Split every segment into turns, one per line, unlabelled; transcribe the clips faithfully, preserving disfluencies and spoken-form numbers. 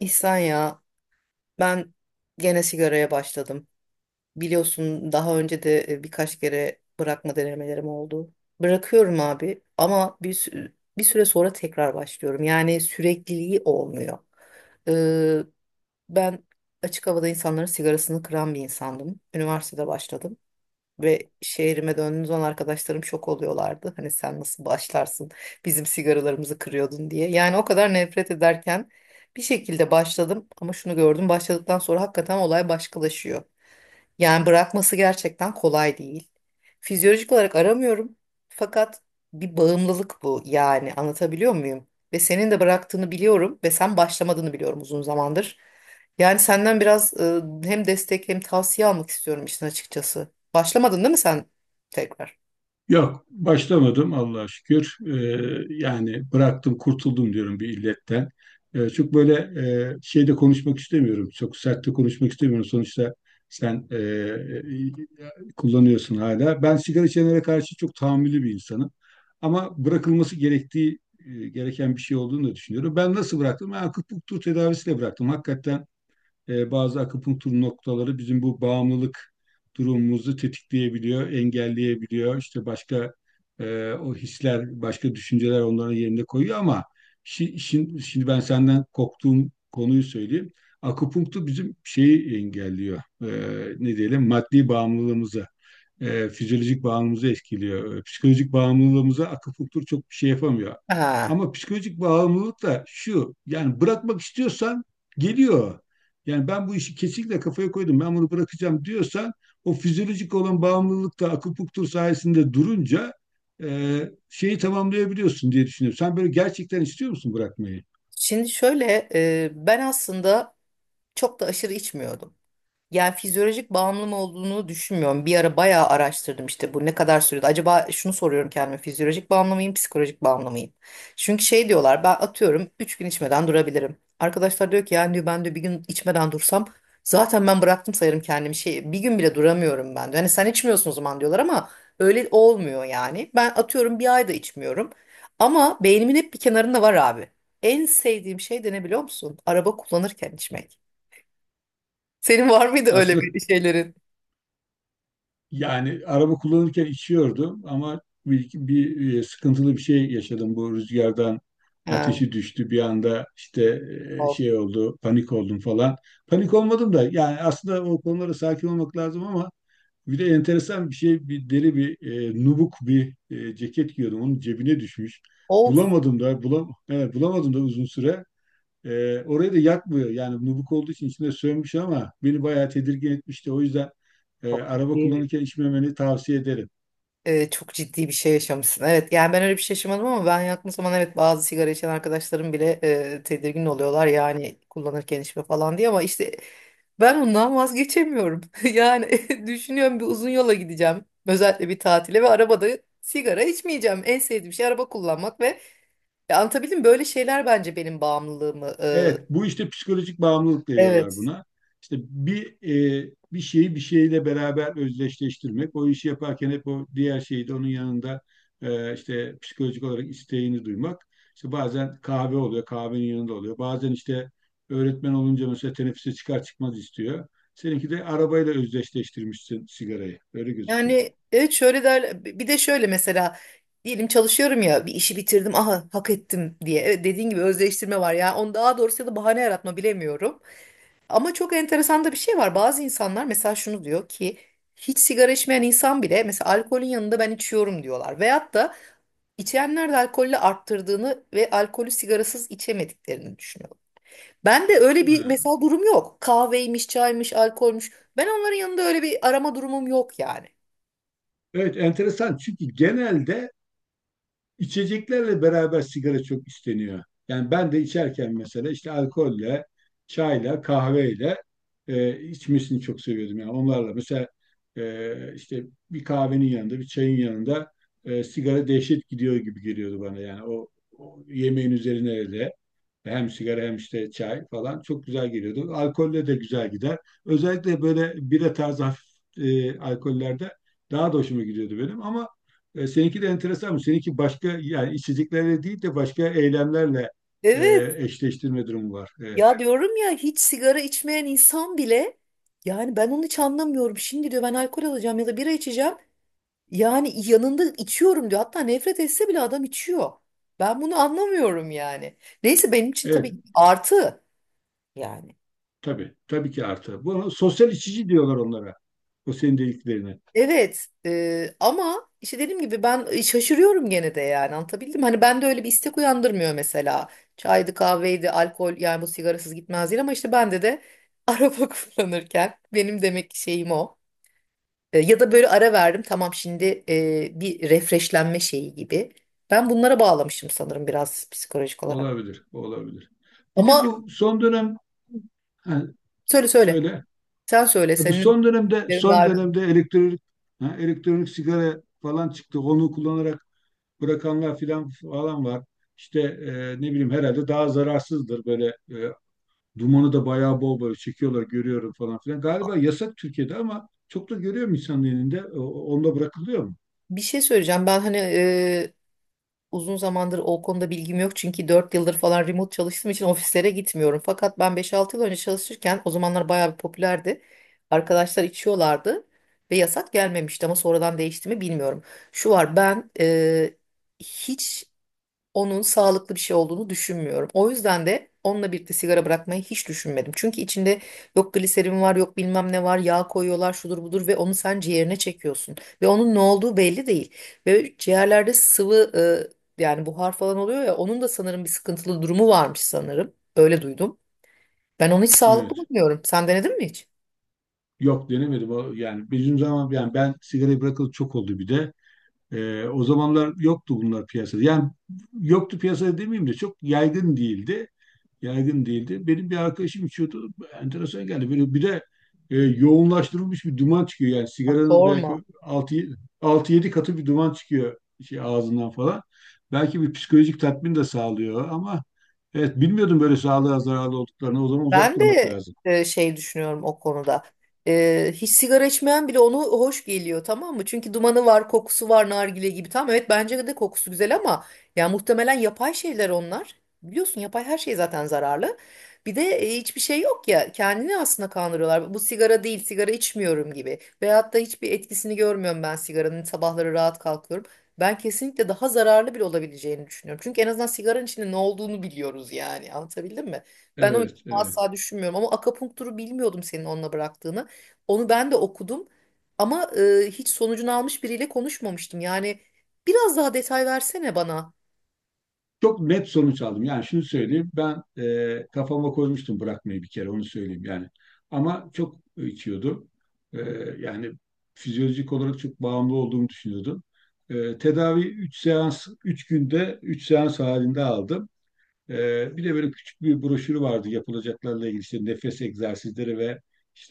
İhsan ya ben gene sigaraya başladım. Biliyorsun daha önce de e, birkaç kere bırakma denemelerim oldu. Bırakıyorum abi ama bir, sü- bir süre sonra tekrar başlıyorum. Yani sürekliliği olmuyor. Ee, Ben açık havada insanların sigarasını kıran bir insandım. Üniversitede başladım. Ve şehrime döndüğüm zaman arkadaşlarım şok oluyorlardı. Hani sen nasıl başlarsın bizim sigaralarımızı kırıyordun diye. Yani o kadar nefret ederken bir şekilde başladım ama şunu gördüm, başladıktan sonra hakikaten olay başkalaşıyor. Yani bırakması gerçekten kolay değil. Fizyolojik olarak aramıyorum. Fakat bir bağımlılık bu, yani anlatabiliyor muyum? Ve senin de bıraktığını biliyorum ve sen başlamadığını biliyorum uzun zamandır. Yani senden biraz e, hem destek hem tavsiye almak istiyorum işin açıkçası. Başlamadın değil mi sen tekrar?
Yok, başlamadım Allah'a şükür. Ee, yani bıraktım, kurtuldum diyorum bir illetten. Ee, çok böyle e, şeyde konuşmak istemiyorum. Çok sert de konuşmak istemiyorum. Sonuçta sen e, e, kullanıyorsun hala. Ben sigara içenlere karşı çok tahammüllü bir insanım. Ama bırakılması gerektiği e, gereken bir şey olduğunu da düşünüyorum. Ben nasıl bıraktım? Ben akupunktur tedavisiyle bıraktım. Hakikaten e, bazı akupunktur noktaları bizim bu bağımlılık durumumuzu tetikleyebiliyor, engelleyebiliyor. İşte başka e, o hisler, başka düşünceler onların yerine koyuyor ama şi- şimdi, şimdi ben senden korktuğum konuyu söyleyeyim. Akupunktur bizim şeyi engelliyor. E, ne diyelim? Maddi bağımlılığımızı e, fizyolojik bağımlılığımızı etkiliyor. E, Psikolojik bağımlılığımıza akupunktur çok bir şey yapamıyor.
Ha.
Ama psikolojik bağımlılık da şu, yani bırakmak istiyorsan geliyor. Yani ben bu işi kesinlikle kafaya koydum, ben bunu bırakacağım diyorsan o fizyolojik olan bağımlılık da akupunktur sayesinde durunca e, şeyi tamamlayabiliyorsun diye düşünüyorum. Sen böyle gerçekten istiyor musun bırakmayı?
Şimdi şöyle, e, ben aslında çok da aşırı içmiyordum. Yani fizyolojik bağımlı mı olduğunu düşünmüyorum. Bir ara bayağı araştırdım işte bu ne kadar sürede. Acaba şunu soruyorum kendime, fizyolojik bağımlı mıyım, psikolojik bağımlı mıyım? Çünkü şey diyorlar, ben atıyorum üç gün içmeden durabilirim. Arkadaşlar diyor ki, yani diyor ben de bir gün içmeden dursam zaten ben bıraktım sayarım kendimi. Şey, bir gün bile duramıyorum ben, diyor. Hani sen içmiyorsun o zaman diyorlar ama öyle olmuyor yani. Ben atıyorum bir ayda içmiyorum. Ama beynimin hep bir kenarında var abi. En sevdiğim şey de ne biliyor musun? Araba kullanırken içmek. Senin var mıydı öyle
Aslında,
bir şeylerin?
Yani araba kullanırken içiyordum ama bir, bir e, sıkıntılı bir şey yaşadım. Bu rüzgardan
Ha,
ateşi düştü bir anda, işte e,
of.
şey oldu, panik oldum falan. Panik olmadım da, yani aslında o konulara sakin olmak lazım ama bir de enteresan bir şey: bir deri bir e, nubuk bir e, ceket giyiyordum. Onun cebine düşmüş.
Of.
Bulamadım da, bulam evet, bulamadım da uzun süre. Ee, orayı da yakmıyor. Yani nubuk olduğu için içine sönmüş ama beni bayağı tedirgin etmişti. O yüzden e,
Çok
araba
ciddi,
kullanırken içmemeni tavsiye ederim.
e, çok ciddi bir şey yaşamışsın. Evet, yani ben öyle bir şey yaşamadım ama ben yaktığım zaman evet, bazı sigara içen arkadaşlarım bile e, tedirgin oluyorlar. Yani kullanırken içme falan diye, ama işte ben ondan vazgeçemiyorum. Yani düşünüyorum, bir uzun yola gideceğim. Özellikle bir tatile ve arabada sigara içmeyeceğim. En sevdiğim şey araba kullanmak ve, ya anlatabildim mi? Böyle şeyler bence benim bağımlılığımı
Evet, bu işte psikolojik bağımlılık
e,
diyorlar
evet.
buna. İşte bir e, bir şeyi bir şeyle beraber özdeşleştirmek, o işi yaparken hep o diğer şeyi de onun yanında e, işte psikolojik olarak isteğini duymak. İşte bazen kahve oluyor, kahvenin yanında oluyor. Bazen işte öğretmen olunca mesela teneffüse çıkar çıkmaz istiyor. Seninki de arabayla özdeşleştirmişsin sigarayı. Öyle gözüküyor.
Yani evet, şöyle derler bir de şöyle, mesela diyelim çalışıyorum ya, bir işi bitirdim, aha hak ettim diye. Evet, dediğin gibi özdeştirme var ya onu, daha doğrusu ya da bahane yaratma, bilemiyorum ama çok enteresan da bir şey var. Bazı insanlar mesela şunu diyor ki hiç sigara içmeyen insan bile mesela alkolün yanında ben içiyorum diyorlar, veyahut da içenler de alkolle arttırdığını ve alkolü sigarasız içemediklerini düşünüyorlar. Ben de öyle bir
Ha.
mesela durum yok, kahveymiş, çaymış, alkolmüş, ben onların yanında öyle bir arama durumum yok yani.
Evet, enteresan. Çünkü genelde içeceklerle beraber sigara çok isteniyor. Yani ben de içerken mesela işte alkolle, çayla, kahveyle e, içmesini çok seviyordum. Yani onlarla mesela e, işte bir kahvenin yanında, bir çayın yanında e, sigara dehşet gidiyor gibi geliyordu bana. Yani o, o yemeğin üzerine öyle. Hem sigara hem işte çay falan çok güzel geliyordu. Alkolle de güzel gider. Özellikle böyle bira tarzı hafif e, alkollerde daha da hoşuma gidiyordu benim. Ama e, seninki de enteresan mı? Seninki başka, yani içeceklerle değil de başka eylemlerle e,
Evet.
eşleştirme durumu var. Evet.
Ya diyorum ya, hiç sigara içmeyen insan bile, yani ben onu hiç anlamıyorum. Şimdi diyor ben alkol alacağım ya da bira içeceğim. Yani yanında içiyorum diyor. Hatta nefret etse bile adam içiyor. Ben bunu anlamıyorum yani. Neyse, benim için
Evet,
tabii artı yani.
tabii. Tabii ki artı. Bunu sosyal içici diyorlar onlara. O senin dediklerine.
Evet, e, ama işte dediğim gibi ben e, şaşırıyorum gene de, yani anlatabildim mi? Hani ben de öyle bir istek uyandırmıyor mesela. Çaydı, kahveydi, alkol, yani bu sigarasız gitmez değil ama işte bende de araba kullanırken, benim demek ki şeyim o. E, Ya da böyle ara verdim, tamam şimdi, e, bir refreshlenme şeyi gibi. Ben bunlara bağlamışım sanırım biraz psikolojik olarak.
Olabilir. Olabilir. Bir
Ama
de bu son dönem, ha,
söyle söyle.
söyle.
Sen söyle,
E bu
senin
son dönemde
fikirlerin
son
daha önemli.
dönemde elektronik, ha, elektronik sigara falan çıktı. Onu kullanarak bırakanlar filan falan var. İşte e, ne bileyim, herhalde daha zararsızdır böyle, e, dumanı da bayağı bol böyle çekiyorlar, görüyorum falan filan. Galiba yasak Türkiye'de ama çok da görüyorum insanın elinde. O- Onda bırakılıyor mu?
Bir şey söyleyeceğim. Ben hani e, uzun zamandır o konuda bilgim yok. Çünkü dört yıldır falan remote çalıştığım için ofislere gitmiyorum. Fakat ben beş altı yıl önce çalışırken o zamanlar bayağı bir popülerdi. Arkadaşlar içiyorlardı ve yasak gelmemişti ama sonradan değişti mi bilmiyorum. Şu var, ben e, hiç onun sağlıklı bir şey olduğunu düşünmüyorum. O yüzden de onunla birlikte sigara bırakmayı hiç düşünmedim. Çünkü içinde yok gliserin var, yok bilmem ne var, yağ koyuyorlar, şudur budur, ve onu sen ciğerine çekiyorsun. Ve onun ne olduğu belli değil. Ve ciğerlerde sıvı, e, yani buhar falan oluyor ya, onun da sanırım bir sıkıntılı durumu varmış sanırım. Öyle duydum. Ben onu hiç sağlıklı
Evet.
bulmuyorum. Sen denedin mi hiç?
Yok, denemedim. O- Yani bizim zaman, yani ben sigarayı bırakalı çok oldu bir de. E, o zamanlar yoktu bunlar piyasada. Yani yoktu piyasada demeyeyim de çok yaygın değildi. Yaygın değildi. Benim bir arkadaşım içiyordu. Enteresan geldi. Böyle bir de e, yoğunlaştırılmış bir duman çıkıyor. Yani sigaranın
Sorma.
belki altı yedi katı bir duman çıkıyor şey ağzından falan. Belki bir psikolojik tatmin de sağlıyor ama evet, bilmiyordum böyle sağlığa zararlı olduklarını. O zaman uzak
Ben
durmak
de
lazım.
e, şey düşünüyorum o konuda. E, hiç sigara içmeyen bile onu hoş geliyor, tamam mı? Çünkü dumanı var, kokusu var, nargile gibi. Tamam, evet bence de kokusu güzel ama ya muhtemelen yapay şeyler onlar. Biliyorsun yapay her şey zaten zararlı. Bir de e, hiçbir şey yok ya, kendini aslında kandırıyorlar. Bu sigara değil, sigara içmiyorum gibi. Veyahut da hiçbir etkisini görmüyorum ben sigaranın, sabahları rahat kalkıyorum. Ben kesinlikle daha zararlı bile olabileceğini düşünüyorum. Çünkü en azından sigaranın içinde ne olduğunu biliyoruz yani. Anlatabildim mi? Ben o
Evet, evet.
asla düşünmüyorum ama akupunkturu bilmiyordum, senin onunla bıraktığını. Onu ben de okudum ama e, hiç sonucunu almış biriyle konuşmamıştım. Yani biraz daha detay versene bana.
Çok net sonuç aldım. Yani şunu söyleyeyim. Ben e, kafama koymuştum bırakmayı, bir kere onu söyleyeyim yani. Ama çok içiyordum. E, yani fizyolojik olarak çok bağımlı olduğumu düşünüyordum. E, tedavi üç seans, üç günde üç seans halinde aldım. E, bir de böyle küçük bir broşürü vardı yapılacaklarla ilgili: işte nefes egzersizleri ve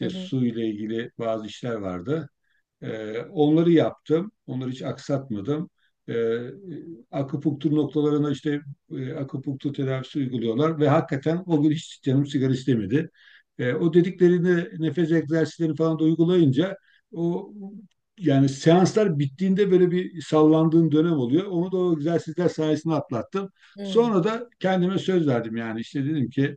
Hı hı.
su ile ilgili bazı işler vardı. Ee, onları yaptım. Onları hiç aksatmadım. Ee, akupunktur noktalarına işte e, akupunktur tedavisi uyguluyorlar ve hakikaten o gün hiç canım sigara istemedi. Ee, o dediklerini, nefes egzersizlerini falan da uygulayınca o yani seanslar bittiğinde böyle bir sallandığım dönem oluyor. Onu da o egzersizler sayesinde atlattım.
Hı.
Sonra da kendime söz verdim, yani işte dedim ki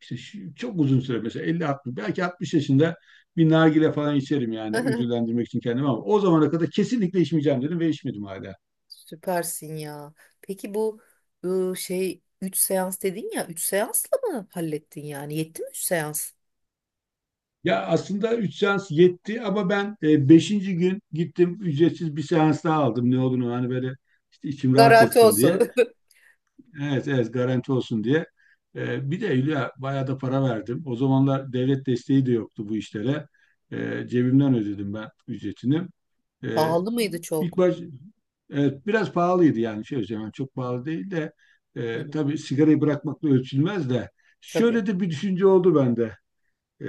işte şu- çok uzun süre, mesela elli altmış, belki altmış yaşında bir nargile falan içerim, yani ödüllendirmek için kendimi, ama o zamana kadar kesinlikle içmeyeceğim dedim ve içmedim hala.
Süpersin ya. Peki bu, e, şey üç seans dedin ya, üç seansla mı hallettin yani? Yetti mi üç seans?
Ya aslında üç seans yetti ama ben e, beşinci gün gittim, ücretsiz bir seans daha aldım, ne olduğunu hani böyle, işte içim rahat
Garanti
etsin
olsun.
diye. Evet, evet, garanti olsun diye. E, bir de Hülya, bayağı da para verdim. O zamanlar devlet desteği de yoktu bu işlere. E, cebimden ödedim ben ücretini. Ee,
Pahalı mıydı
ilk
çok?
baş Evet, biraz pahalıydı, yani şey söyleyeyim, yani çok pahalı değil de e,
Hı,
tabii sigarayı bırakmakla ölçülmez de,
tabii.
şöyle de bir düşünce oldu bende. Ee,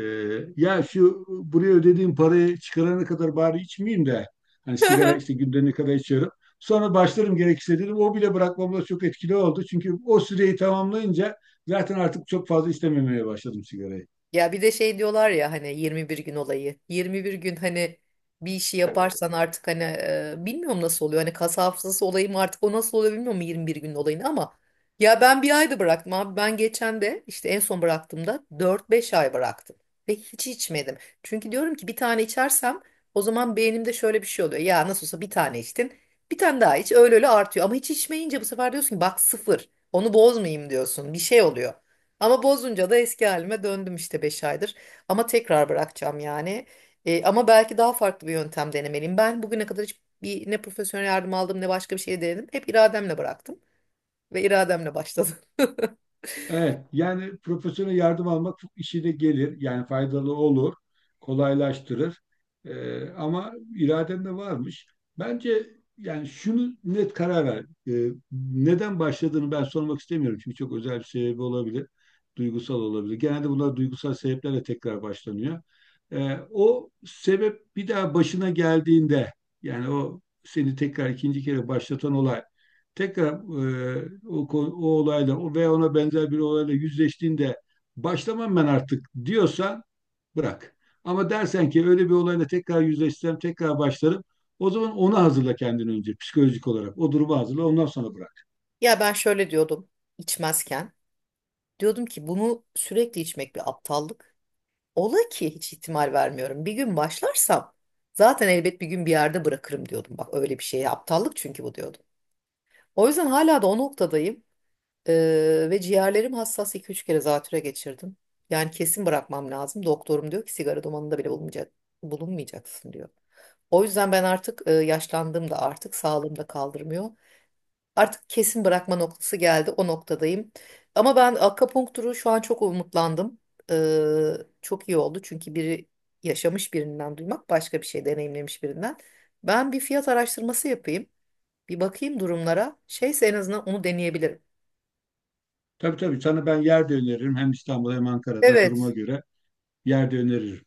ya şu buraya ödediğim parayı çıkarana kadar bari içmeyeyim de, hani sigara işte günde ne kadar içiyorum. Sonra başlarım gerekirse dedim. O bile bırakmamda çok etkili oldu. Çünkü o süreyi tamamlayınca zaten artık çok fazla istememeye başladım sigarayı.
Ya bir de şey diyorlar ya, hani yirmi bir gün olayı. yirmi bir gün hani bir işi yaparsan artık, hani e, bilmiyorum nasıl oluyor. Hani kas hafızası olayı mı artık, o nasıl oluyor bilmiyorum yirmi bir gün olayını, ama ya ben bir ayda bıraktım abi. Ben geçen de işte en son bıraktığımda dört beş ay bıraktım ve hiç içmedim. Çünkü diyorum ki bir tane içersem o zaman beynimde şöyle bir şey oluyor. Ya nasıl olsa bir tane içtin, bir tane daha iç, öyle öyle artıyor. Ama hiç içmeyince bu sefer diyorsun ki bak sıfır, onu bozmayayım diyorsun. Bir şey oluyor. Ama bozunca da eski halime döndüm işte, beş aydır. Ama tekrar bırakacağım yani. E, ama belki daha farklı bir yöntem denemeliyim. Ben bugüne kadar hiç bir, ne profesyonel yardım aldım ne başka bir şey denedim. Hep irademle bıraktım ve irademle başladım.
Evet, yani profesyonel yardım almak çok işine gelir. Yani faydalı olur, kolaylaştırır. Ee, ama iraden de varmış. Bence yani şunu net karar ver. Ee, neden başladığını ben sormak istemiyorum. Çünkü çok özel bir sebebi olabilir. Duygusal olabilir. Genelde bunlar duygusal sebeplerle tekrar başlanıyor. Ee, o sebep bir daha başına geldiğinde, yani o seni tekrar ikinci kere başlatan olay, tekrar e, o, ko- o olayla, o veya ona benzer bir olayla yüzleştiğinde başlamam ben artık diyorsan, bırak. Ama dersen ki öyle bir olayla tekrar yüzleşsem tekrar başlarım, o zaman onu hazırla, kendini önce psikolojik olarak. O durumu hazırla, ondan sonra bırak.
Ya ben şöyle diyordum içmezken. Diyordum ki bunu sürekli içmek bir aptallık. Ola ki, hiç ihtimal vermiyorum, bir gün başlarsam zaten elbet bir gün bir yerde bırakırım diyordum. Bak öyle bir şeye aptallık çünkü bu, diyordum. O yüzden hala da o noktadayım. Ee, ve ciğerlerim hassas, iki üç kere zatüre geçirdim. Yani kesin bırakmam lazım. Doktorum diyor ki sigara dumanında bile bulunmayacak, bulunmayacaksın diyor. O yüzden ben artık, e, yaşlandığımda artık sağlığım da kaldırmıyor. Artık kesin bırakma noktası geldi. O noktadayım. Ama ben akupunkturu şu an çok umutlandım. Ee, çok iyi oldu. Çünkü biri yaşamış birinden duymak başka, bir şey deneyimlemiş birinden. Ben bir fiyat araştırması yapayım. Bir bakayım durumlara. Şeyse en azından onu deneyebilirim.
Tabii tabii, sana ben yer de öneririm. Hem İstanbul'da hem Ankara'da, duruma
Evet.
göre yer de öneririm.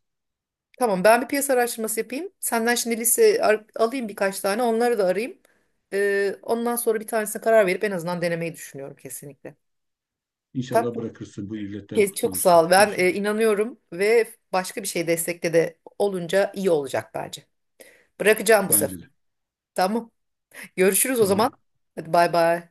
Tamam, ben bir piyasa araştırması yapayım. Senden şimdi liste ar- alayım, birkaç tane, onları da arayayım. Ee, ondan sonra bir tanesine karar verip en azından denemeyi düşünüyorum kesinlikle.
İnşallah
Tamam,
bırakırsın, bu illetten
çok, çok sağ
kurtulursun.
ol. Ben
İnşallah.
e, inanıyorum, ve başka bir şey destekte de olunca iyi olacak bence. Bırakacağım bu sefer.
Bence de.
Tamam. Görüşürüz o zaman.
Tamam.
Hadi bay bay.